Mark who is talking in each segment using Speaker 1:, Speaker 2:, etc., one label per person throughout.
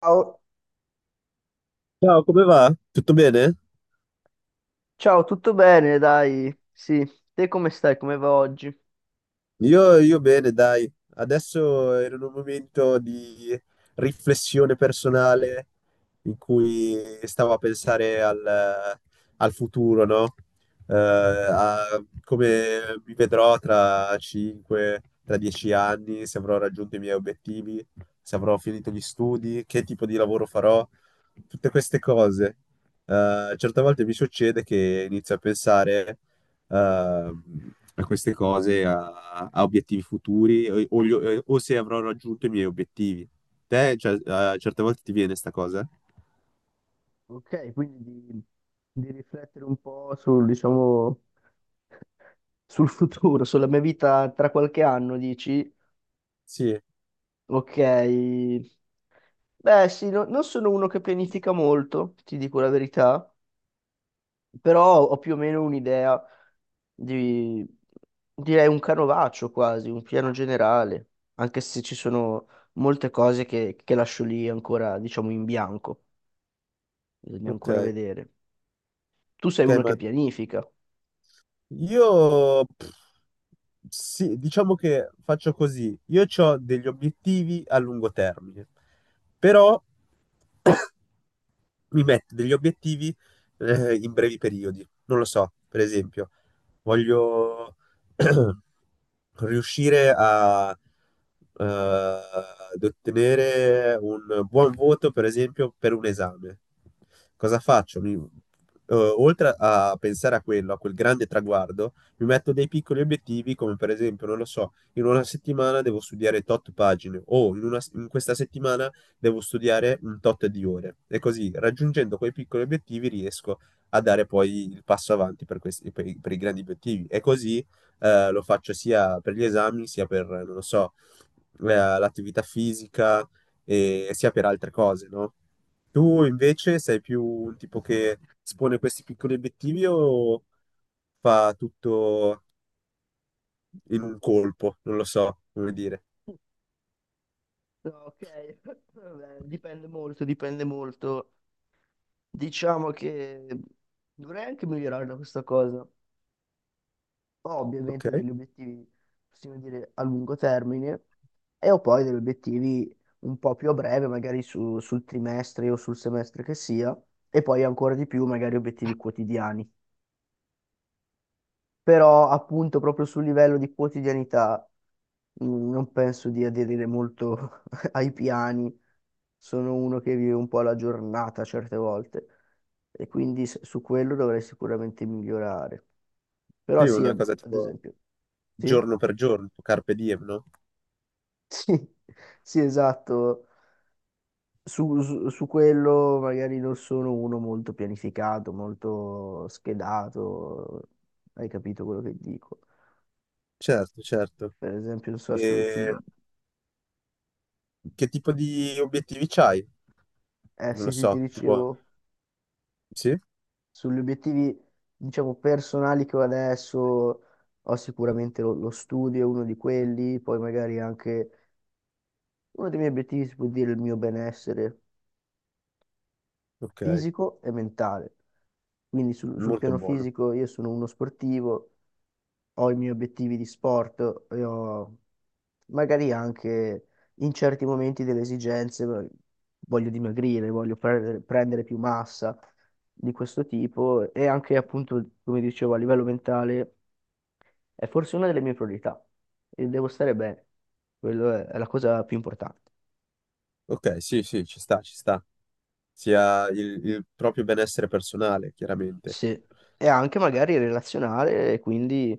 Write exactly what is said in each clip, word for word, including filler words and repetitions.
Speaker 1: Ciao,
Speaker 2: Ciao, come va? Tutto bene?
Speaker 1: ciao, tutto bene, dai. Sì, te come stai? Come va oggi?
Speaker 2: Io, io bene, dai. Adesso ero in un momento di riflessione personale in cui stavo a pensare al, al futuro, no? Eh, a come mi vedrò tra cinque, tra dieci anni, se avrò raggiunto i miei obiettivi, se avrò finito gli studi, che tipo di lavoro farò, tutte queste cose. Eh, certe volte mi succede che inizio a pensare. ehm, a queste cose, a, a obiettivi futuri o, o gli- eh, o se avrò raggiunto i miei obiettivi. Te, cioè, a certe volte ti viene sta cosa?
Speaker 1: Ok, quindi di, di riflettere un po' sul, diciamo, sul futuro, sulla mia vita tra qualche anno, dici?
Speaker 2: Sì,
Speaker 1: Ok, beh sì, no- non sono uno che pianifica molto, ti dico la verità, però ho più o meno un'idea di, direi un canovaccio quasi, un piano generale, anche se ci sono molte cose che, che lascio lì ancora, diciamo, in bianco. Bisogna ancora
Speaker 2: ok.
Speaker 1: vedere. Tu sei
Speaker 2: Ok,
Speaker 1: uno
Speaker 2: ma
Speaker 1: che pianifica.
Speaker 2: io pff, sì, diciamo che faccio così. Io ho degli obiettivi a lungo termine, però mi metto degli obiettivi eh, in brevi periodi. Non lo so, per esempio, voglio riuscire a, eh, ad ottenere un buon voto, per esempio, per un esame. Cosa faccio? Mi- eh, oltre a pensare a quello, a quel grande traguardo, mi metto dei piccoli obiettivi, come per esempio, non lo so, in una settimana devo studiare tot pagine o in una- in questa settimana devo studiare un tot di ore e così raggiungendo quei piccoli obiettivi riesco a dare poi il passo avanti per questi, per i, per i grandi obiettivi e così eh, lo faccio sia per gli esami sia per, non lo so, eh, l'attività fisica e sia per altre cose, no? Tu invece sei più un tipo che espone questi piccoli obiettivi o fa tutto in un colpo? Non lo so come dire.
Speaker 1: No, ok, vabbè, dipende molto, dipende molto. Diciamo che dovrei anche migliorare da questa cosa. Ho
Speaker 2: Ok?
Speaker 1: ovviamente degli obiettivi, possiamo dire, a lungo termine e ho poi degli obiettivi un po' più a breve, magari su- sul trimestre o sul semestre che sia, e poi ancora di più, magari obiettivi quotidiani. Però appunto proprio sul livello di quotidianità mh, non penso di aderire molto ai piani, sono uno che vive un po' la giornata certe volte e quindi s- su quello dovrei sicuramente migliorare. Però
Speaker 2: Sì,
Speaker 1: sì,
Speaker 2: una cosa
Speaker 1: ad
Speaker 2: tipo
Speaker 1: esempio, sì,
Speaker 2: giorno per giorno, tipo carpe diem, no?
Speaker 1: sì, sì, esatto. Su, su- su quello magari non sono uno molto pianificato, molto schedato, hai capito quello che dico.
Speaker 2: Certo, certo.
Speaker 1: Per esempio, non so, su,
Speaker 2: E
Speaker 1: sul-
Speaker 2: che tipo di obiettivi c'hai?
Speaker 1: eh
Speaker 2: Non
Speaker 1: sì,
Speaker 2: lo
Speaker 1: sì, ti
Speaker 2: so, tipo...
Speaker 1: dicevo,
Speaker 2: Sì?
Speaker 1: sugli obiettivi, diciamo, personali che ho adesso, ho sicuramente lo, lo studio, è uno di quelli, poi magari anche uno dei miei obiettivi si può dire il mio benessere,
Speaker 2: Ok,
Speaker 1: fisico e mentale. Quindi sul, sul
Speaker 2: molto
Speaker 1: piano
Speaker 2: buono.
Speaker 1: fisico io sono uno sportivo, ho i miei obiettivi di sport e ho magari anche in certi momenti delle esigenze, eh, voglio dimagrire, voglio pre- prendere più massa di questo tipo e anche appunto, come dicevo, a livello mentale è forse una delle mie priorità e devo stare bene. Quello è è la cosa più importante.
Speaker 2: Ok, sì, sì, ci sta, ci sta. Sia il, il proprio benessere personale, chiaramente.
Speaker 1: Sì, e anche magari relazionale, e quindi,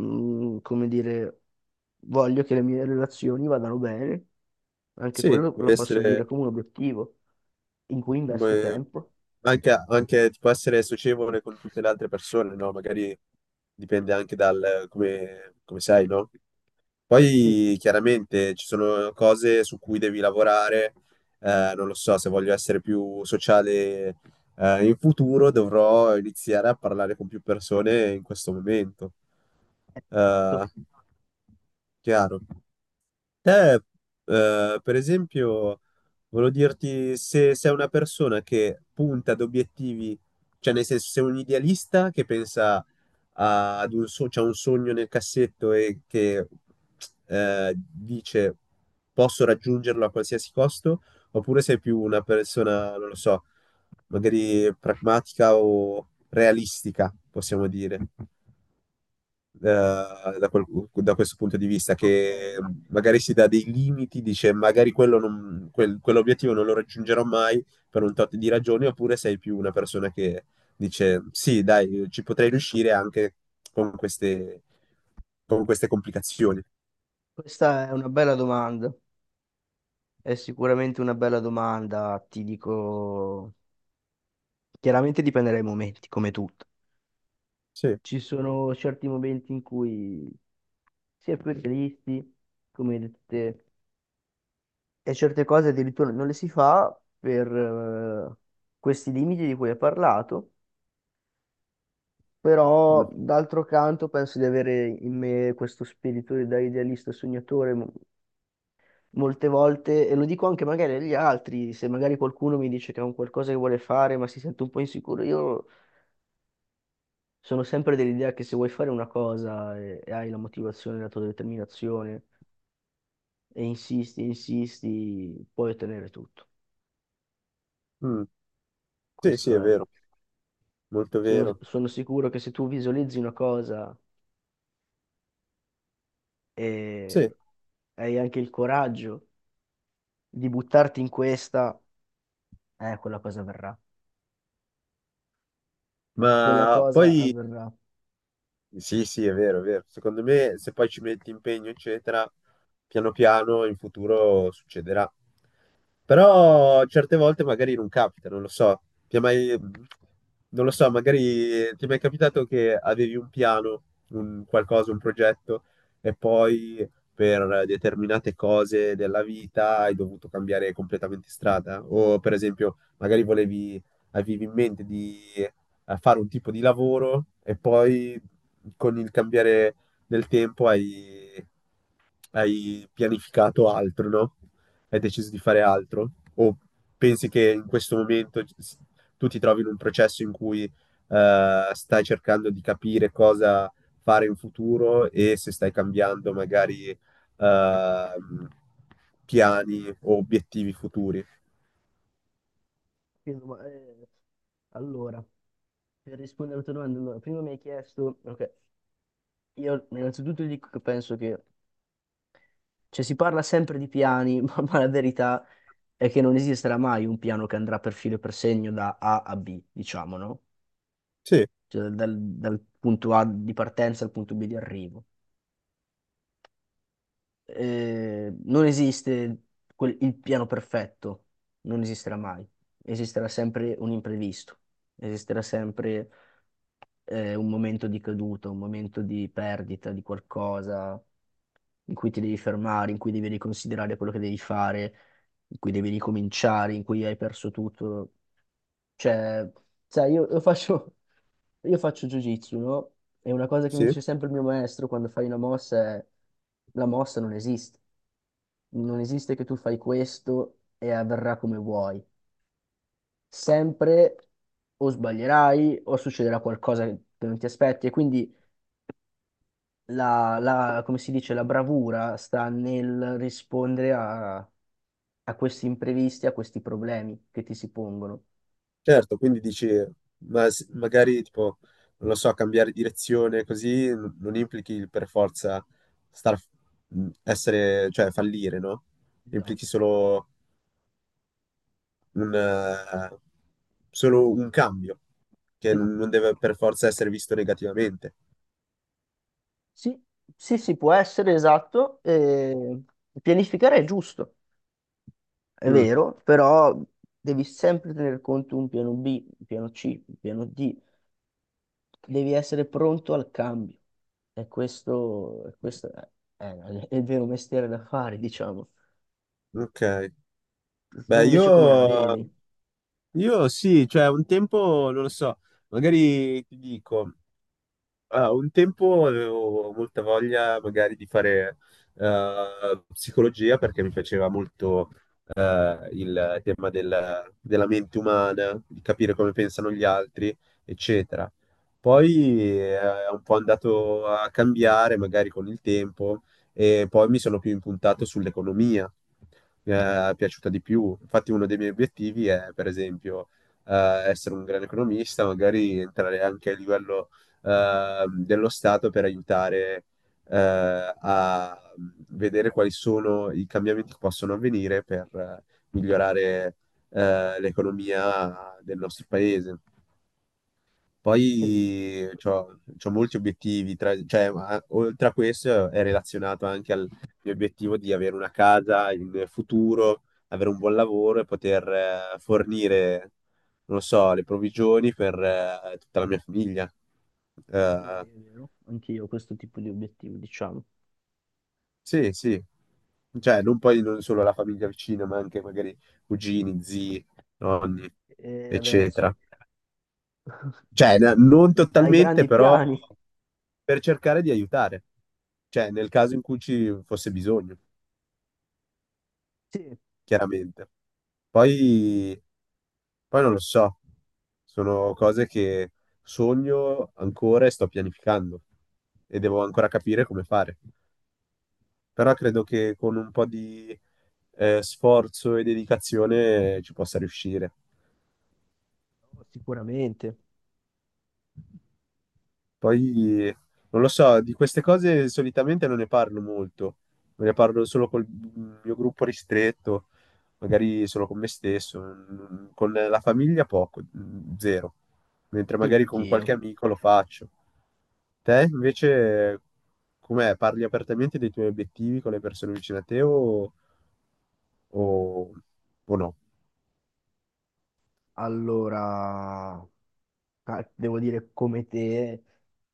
Speaker 1: mm, come dire, voglio che le mie relazioni vadano bene, anche
Speaker 2: Sì,
Speaker 1: quello
Speaker 2: può
Speaker 1: lo posso dire
Speaker 2: essere...
Speaker 1: come un obiettivo in cui investo
Speaker 2: Beh,
Speaker 1: tempo.
Speaker 2: anche, anche tipo essere socievole con tutte le altre persone, no? Magari dipende anche dal come, come sei, no?
Speaker 1: Sì,
Speaker 2: Poi chiaramente ci sono cose su cui devi lavorare, eh, non lo so, se voglio essere più sociale, eh, in futuro dovrò iniziare a parlare con più persone in questo momento.
Speaker 1: esatto.
Speaker 2: Eh, chiaro. Te, eh, per esempio, volevo dirti se sei una persona che punta ad obiettivi, cioè nel senso sei un idealista che pensa a- ad un, so- c'ha un sogno nel cassetto e che eh, dice posso raggiungerlo a qualsiasi costo, oppure sei più una persona, non lo so, magari pragmatica o realistica, possiamo dire eh, da, quel- da questo punto di vista,
Speaker 1: Ok,
Speaker 2: che magari si dà dei limiti, dice magari quello non- quel- quell'obiettivo non lo raggiungerò mai per un tot di ragioni, oppure sei più una persona che dice sì, dai, ci potrei riuscire anche con queste, con queste complicazioni.
Speaker 1: questa è una bella domanda, è sicuramente una bella domanda, ti dico, chiaramente dipende dai momenti, come tutto.
Speaker 2: Sì.
Speaker 1: Ci sono certi momenti in cui si è più realisti, come hai detto te, e certe cose addirittura non le si fa per eh, questi limiti di cui hai parlato, però
Speaker 2: Mm.
Speaker 1: d'altro canto penso di avere in me questo spirito da idealista sognatore mo- molte volte, e lo dico anche magari agli altri, se magari qualcuno mi dice che è un qualcosa che vuole fare ma si sente un po' insicuro, io sono sempre dell'idea che se vuoi fare una cosa e, e hai la motivazione, la tua determinazione, e insisti, insisti, puoi ottenere tutto.
Speaker 2: Mm. Sì, sì,
Speaker 1: Questo
Speaker 2: è
Speaker 1: è.
Speaker 2: vero, molto
Speaker 1: Sono,
Speaker 2: vero.
Speaker 1: sono sicuro che se tu visualizzi una cosa
Speaker 2: Sì,
Speaker 1: e hai anche il coraggio di buttarti in questa, eh, quella cosa avverrà. Quella
Speaker 2: ma
Speaker 1: cosa
Speaker 2: poi...
Speaker 1: avverrà.
Speaker 2: Sì, sì, è vero, è vero. Secondo me, se poi ci metti impegno, eccetera, piano piano in futuro succederà. Però certe volte magari non capita, non lo so. Ti è mai... Non lo so, magari ti è mai capitato che avevi un piano, un qualcosa, un progetto, e poi per determinate cose della vita hai dovuto cambiare completamente strada? O per esempio, magari volevi, avevi in mente di a fare un tipo di lavoro e poi con il cambiare del tempo hai, hai pianificato altro, no? Hai deciso di fare altro? O pensi che in questo momento s- tu ti trovi in un processo in cui eh, stai cercando di capire cosa fare in futuro e se stai cambiando magari ehm, piani o obiettivi futuri?
Speaker 1: Quindi, ma, eh, allora, per rispondere alla tua domanda, allora, prima mi hai chiesto, ok, io innanzitutto ti dico che penso che, cioè si parla sempre di piani, ma, ma la verità è che non esisterà mai un piano che andrà per filo e per segno da A a bi, diciamo, no?
Speaker 2: Sì,
Speaker 1: Cioè dal dal punto A di partenza al punto bi di arrivo. eh, non esiste quel- il piano perfetto, non esisterà mai. Esisterà sempre un imprevisto, esisterà sempre eh, un momento di caduta, un momento di perdita di qualcosa in cui ti devi fermare, in cui devi riconsiderare quello che devi fare, in cui devi ricominciare, in cui hai perso tutto. Cioè, sai, io, io faccio, io faccio jiu-jitsu, no? E una cosa che mi
Speaker 2: sì.
Speaker 1: dice sempre il mio maestro quando fai una mossa è la mossa non esiste. Non esiste che tu fai questo e avverrà come vuoi. Sempre o sbaglierai o succederà qualcosa che non ti aspetti. E quindi la, la- come si dice, la bravura sta nel rispondere a, a questi imprevisti, a questi problemi che ti si pongono.
Speaker 2: Certo, quindi dici, ma s- magari tipo, non lo so, cambiare direzione così n- non implichi il per forza star, mh, essere, cioè fallire, no?
Speaker 1: Esatto.
Speaker 2: Implichi solo un, eh, solo un cambio, che n- non deve per forza essere visto negativamente.
Speaker 1: Sì, sì, sì, può essere esatto. eh, pianificare è giusto, è
Speaker 2: Mm,
Speaker 1: vero, però devi sempre tener conto un piano bi, un piano C, un piano di. Devi essere pronto al cambio. E questo, e questo è, è- è il vero mestiere da fare, diciamo.
Speaker 2: ok.
Speaker 1: Tu
Speaker 2: Beh,
Speaker 1: invece come la vedi?
Speaker 2: io, io sì, cioè un tempo, non lo so, magari ti dico. Ah, un tempo avevo molta voglia magari di fare eh, psicologia perché mi piaceva molto eh, il tema della, della mente umana, di capire come pensano gli altri, eccetera. Poi eh, è un po' andato a cambiare magari con il tempo e poi mi sono più impuntato sull'economia, mi è piaciuta di più. Infatti uno dei miei obiettivi è, per esempio, eh, essere un grande economista, magari entrare anche a livello eh, dello Stato per aiutare eh, a vedere quali sono i cambiamenti che possono avvenire per eh, migliorare eh, l'economia del nostro paese.
Speaker 1: Sì,
Speaker 2: Poi c'ho, c'ho molti obiettivi, tra- cioè, a- oltre a questo è relazionato anche al mio obiettivo di avere una casa in futuro, avere un buon lavoro e poter eh, fornire, non lo so, le provvigioni per eh, tutta la mia famiglia.
Speaker 1: sì,
Speaker 2: Eh,
Speaker 1: è vero, anch'io ho questo tipo di obiettivo, diciamo.
Speaker 2: Sì, sì. Cioè, non poi non solo la famiglia vicina, ma anche magari cugini, zii, nonni,
Speaker 1: E adesso?
Speaker 2: eccetera. Cioè, n- non
Speaker 1: Hai
Speaker 2: totalmente,
Speaker 1: grandi
Speaker 2: però
Speaker 1: piani?
Speaker 2: per cercare di aiutare. Cioè, nel caso in cui ci fosse bisogno,
Speaker 1: Sì,
Speaker 2: chiaramente. Poi, poi non lo so. Sono cose che sogno ancora e sto pianificando e devo ancora capire come fare. Però credo
Speaker 1: esattamente.
Speaker 2: che con un po' di eh, sforzo e dedicazione eh, ci possa riuscire.
Speaker 1: Oh, sicuramente.
Speaker 2: Poi, non lo so, di queste cose solitamente non ne parlo molto, ne parlo solo col mio gruppo ristretto, magari solo con me stesso, mm, con la famiglia poco, mm, zero, mentre
Speaker 1: Sì,
Speaker 2: magari con qualche
Speaker 1: anch'io.
Speaker 2: amico lo faccio. Te invece, com'è? Parli apertamente dei tuoi obiettivi con le persone vicine a te o, o- o no?
Speaker 1: Allora, ah, devo dire come te,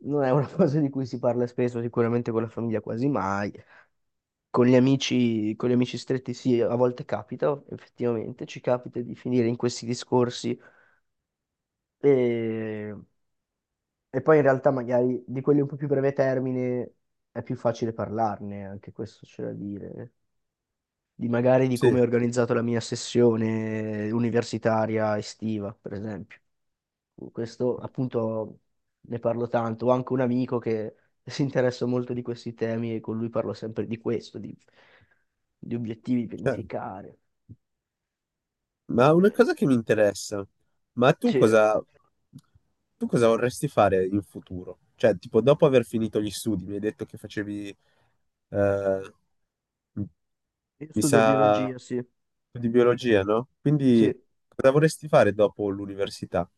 Speaker 1: non è una cosa di cui si parla spesso, sicuramente con la famiglia quasi mai. Con gli amici, con gli amici stretti sì, a volte capita, effettivamente, ci capita di finire in questi discorsi e, e poi in realtà magari di quelli un po' più breve termine è più facile parlarne, anche questo c'è da dire. Di magari di
Speaker 2: Sì,
Speaker 1: come ho organizzato la mia sessione universitaria estiva, per esempio. Questo appunto ne parlo tanto. Ho anche un amico che si interessa molto di questi temi e con lui parlo sempre di questo, di, di obiettivi,
Speaker 2: cioè,
Speaker 1: pianificare.
Speaker 2: ma una
Speaker 1: Eh,
Speaker 2: cosa che mi interessa, ma tu
Speaker 1: Sì, io
Speaker 2: cosa, tu cosa vorresti fare in futuro? Cioè, tipo, dopo aver finito gli studi, mi hai detto che facevi, eh, mi
Speaker 1: studio
Speaker 2: sa,
Speaker 1: biologia, sì.
Speaker 2: di biologia, no?
Speaker 1: Sì.
Speaker 2: Quindi,
Speaker 1: Eh,
Speaker 2: cosa vorresti fare dopo l'università?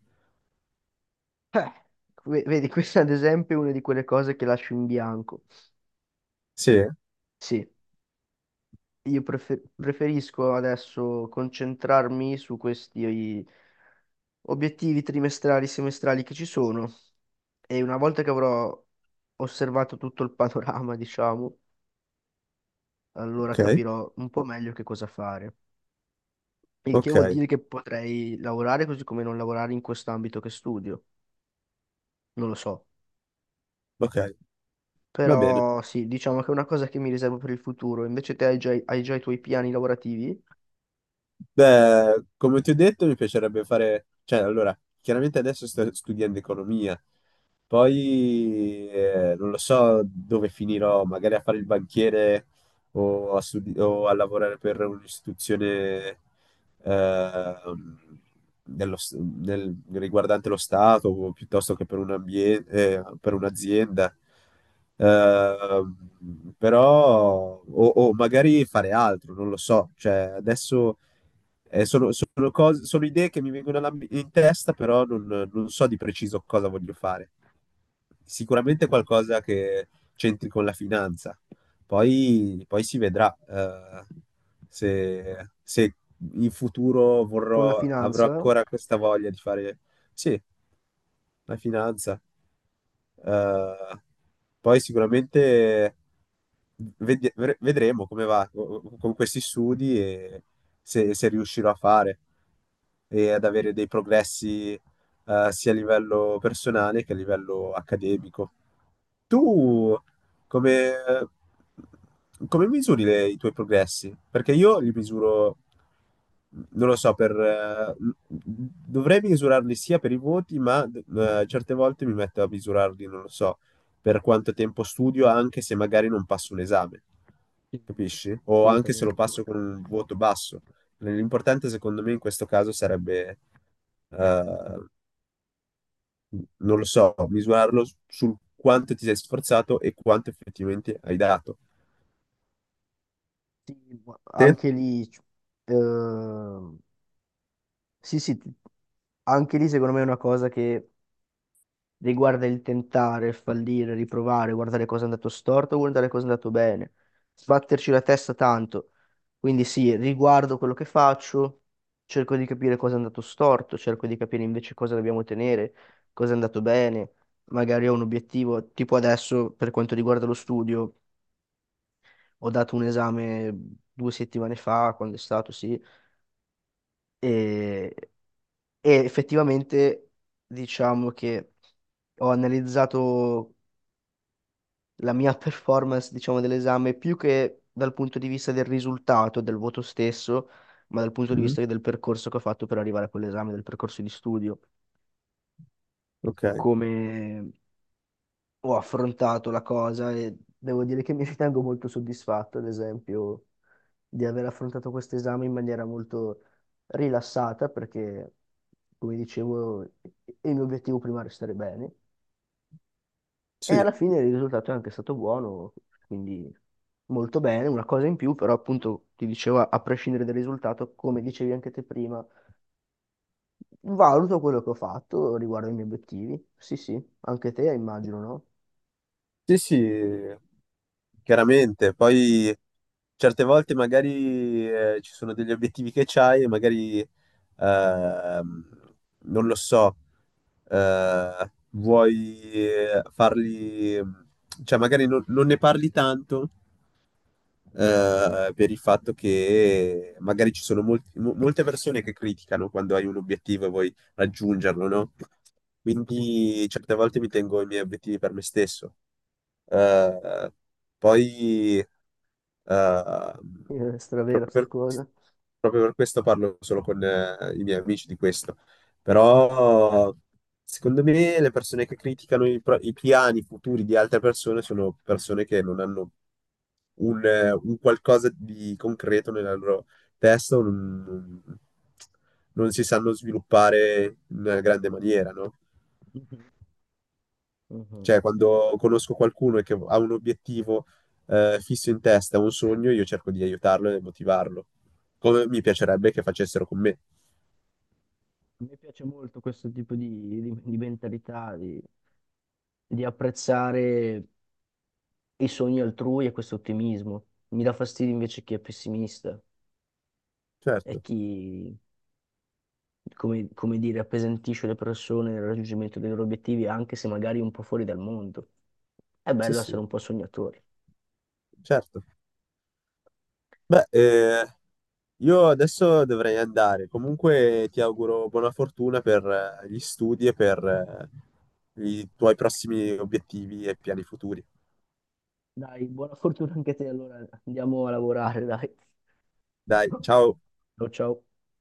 Speaker 1: ve- vedi, questa ad esempio è una di quelle cose che lascio in bianco.
Speaker 2: Sì?
Speaker 1: Sì, io prefe- preferisco adesso concentrarmi su questi obiettivi trimestrali, semestrali che ci sono. E una volta che avrò osservato tutto il panorama, diciamo, allora
Speaker 2: Ok,
Speaker 1: capirò un po' meglio che cosa fare. Il che
Speaker 2: ok,
Speaker 1: vuol dire che potrei lavorare così come non lavorare in quest'ambito che studio. Non lo so.
Speaker 2: ok, va bene.
Speaker 1: Però sì, diciamo che è una cosa che mi riservo per il futuro. Invece te hai già, hai già i tuoi piani lavorativi.
Speaker 2: Beh, come ti ho detto, mi piacerebbe fare, cioè, allora, chiaramente adesso sto studiando economia, poi eh, non lo so dove finirò, magari a fare il banchiere o a, studi- o a lavorare per un'istituzione ehm, dello s- del- riguardante lo Stato o piuttosto che per un ambie- eh, per un'azienda. Ehm, però, o, o magari fare altro, non lo so. Cioè, adesso eh, sono, sono cose- sono idee che mi vengono alla- in testa, però non, non so di preciso cosa voglio fare. Sicuramente
Speaker 1: Mhm.
Speaker 2: qualcosa che c'entri con la finanza. Poi, poi si vedrà eh, se, se in futuro
Speaker 1: Con la
Speaker 2: vorrò, avrò
Speaker 1: finanza?
Speaker 2: ancora questa voglia di fare, sì, la finanza. Eh, poi sicuramente vedi- vere- vedremo come va co- con questi studi e se, se riuscirò a fare e ad avere
Speaker 1: Sì,
Speaker 2: dei progressi eh, sia a livello personale che a livello accademico. Tu come, come misuri le- i tuoi progressi? Perché io li misuro, non lo so, per, eh, dovrei misurarli sia per i voti, ma eh, certe volte mi metto a misurarli, non lo so, per quanto tempo studio, anche se magari non passo un esame,
Speaker 1: sì.
Speaker 2: capisci? O anche se lo
Speaker 1: Assolutamente.
Speaker 2: passo con un voto basso. L'importante secondo me in questo caso sarebbe eh, non lo so, misurarlo s- sul quanto ti sei sforzato e quanto effettivamente hai dato.
Speaker 1: Ma
Speaker 2: Te?
Speaker 1: anche lì, c- ehm, sì, sì, ti- anche lì secondo me è una cosa che riguarda il tentare, il fallire, riprovare, guardare cosa è andato storto, guardare cosa è andato bene, sbatterci la testa tanto. Quindi sì, riguardo quello che faccio, cerco di capire cosa è andato storto, cerco di capire invece cosa dobbiamo tenere, cosa è andato bene. Magari ho un obiettivo, tipo adesso per quanto riguarda lo studio, ho dato un esame due settimane fa, quando è stato, sì, e, e effettivamente diciamo che ho analizzato la mia performance, diciamo, dell'esame, più che dal punto di vista del risultato, del voto stesso, ma dal punto di
Speaker 2: Mm,
Speaker 1: vista del percorso che ho fatto per arrivare a quell'esame, del percorso di studio,
Speaker 2: ok,
Speaker 1: come ho affrontato la cosa e devo dire che mi ritengo molto soddisfatto, ad esempio, di aver affrontato questo esame in maniera molto rilassata, perché, come dicevo, il mio obiettivo prima era stare bene. E
Speaker 2: sì,
Speaker 1: alla fine il risultato è anche stato buono, quindi molto bene, una cosa in più, però appunto ti dicevo, a prescindere dal risultato, come dicevi anche te prima, valuto quello che ho fatto riguardo ai miei obiettivi. Sì, sì, anche te immagino, no?
Speaker 2: sì, sì, chiaramente. Poi certe volte magari eh, ci sono degli obiettivi che c'hai e magari, ehm, non lo so, eh, vuoi eh, farli, cioè magari non non ne parli tanto eh, per il fatto che magari ci sono molti- mo- molte persone che criticano quando hai un obiettivo e vuoi raggiungerlo, no?
Speaker 1: Sì.
Speaker 2: Quindi certe volte mi tengo i miei obiettivi per me stesso. Eh, poi eh,
Speaker 1: È stravera sta
Speaker 2: proprio per
Speaker 1: cosa.
Speaker 2: proprio per questo parlo solo con eh, i miei amici di questo. Però secondo me le persone che criticano i, pro- i piani futuri di altre persone sono persone che non hanno un, eh, un qualcosa di concreto nella loro testa o non, non- non si sanno sviluppare in una grande maniera, no?
Speaker 1: Mhm, mhm.
Speaker 2: Cioè, quando conosco qualcuno e che ha un obiettivo eh, fisso in testa, un sogno, io cerco di aiutarlo e motivarlo, come mi piacerebbe che facessero con me.
Speaker 1: A me piace molto questo tipo di, di- di mentalità, di, di apprezzare i sogni altrui e questo ottimismo. Mi dà fastidio invece chi è pessimista e
Speaker 2: Certo,
Speaker 1: chi come, come dire, appesantisce le persone nel raggiungimento dei loro obiettivi, anche se magari un po' fuori dal mondo. È
Speaker 2: sì,
Speaker 1: bello essere
Speaker 2: sì,
Speaker 1: un po' sognatori.
Speaker 2: certo. Beh, eh, io adesso dovrei andare. Comunque ti auguro buona fortuna per eh, gli studi e per eh, i tuoi prossimi obiettivi e piani futuri.
Speaker 1: Dai, buona fortuna anche a te, allora andiamo a lavorare, dai.
Speaker 2: Dai, ciao.
Speaker 1: Ciao, ciao.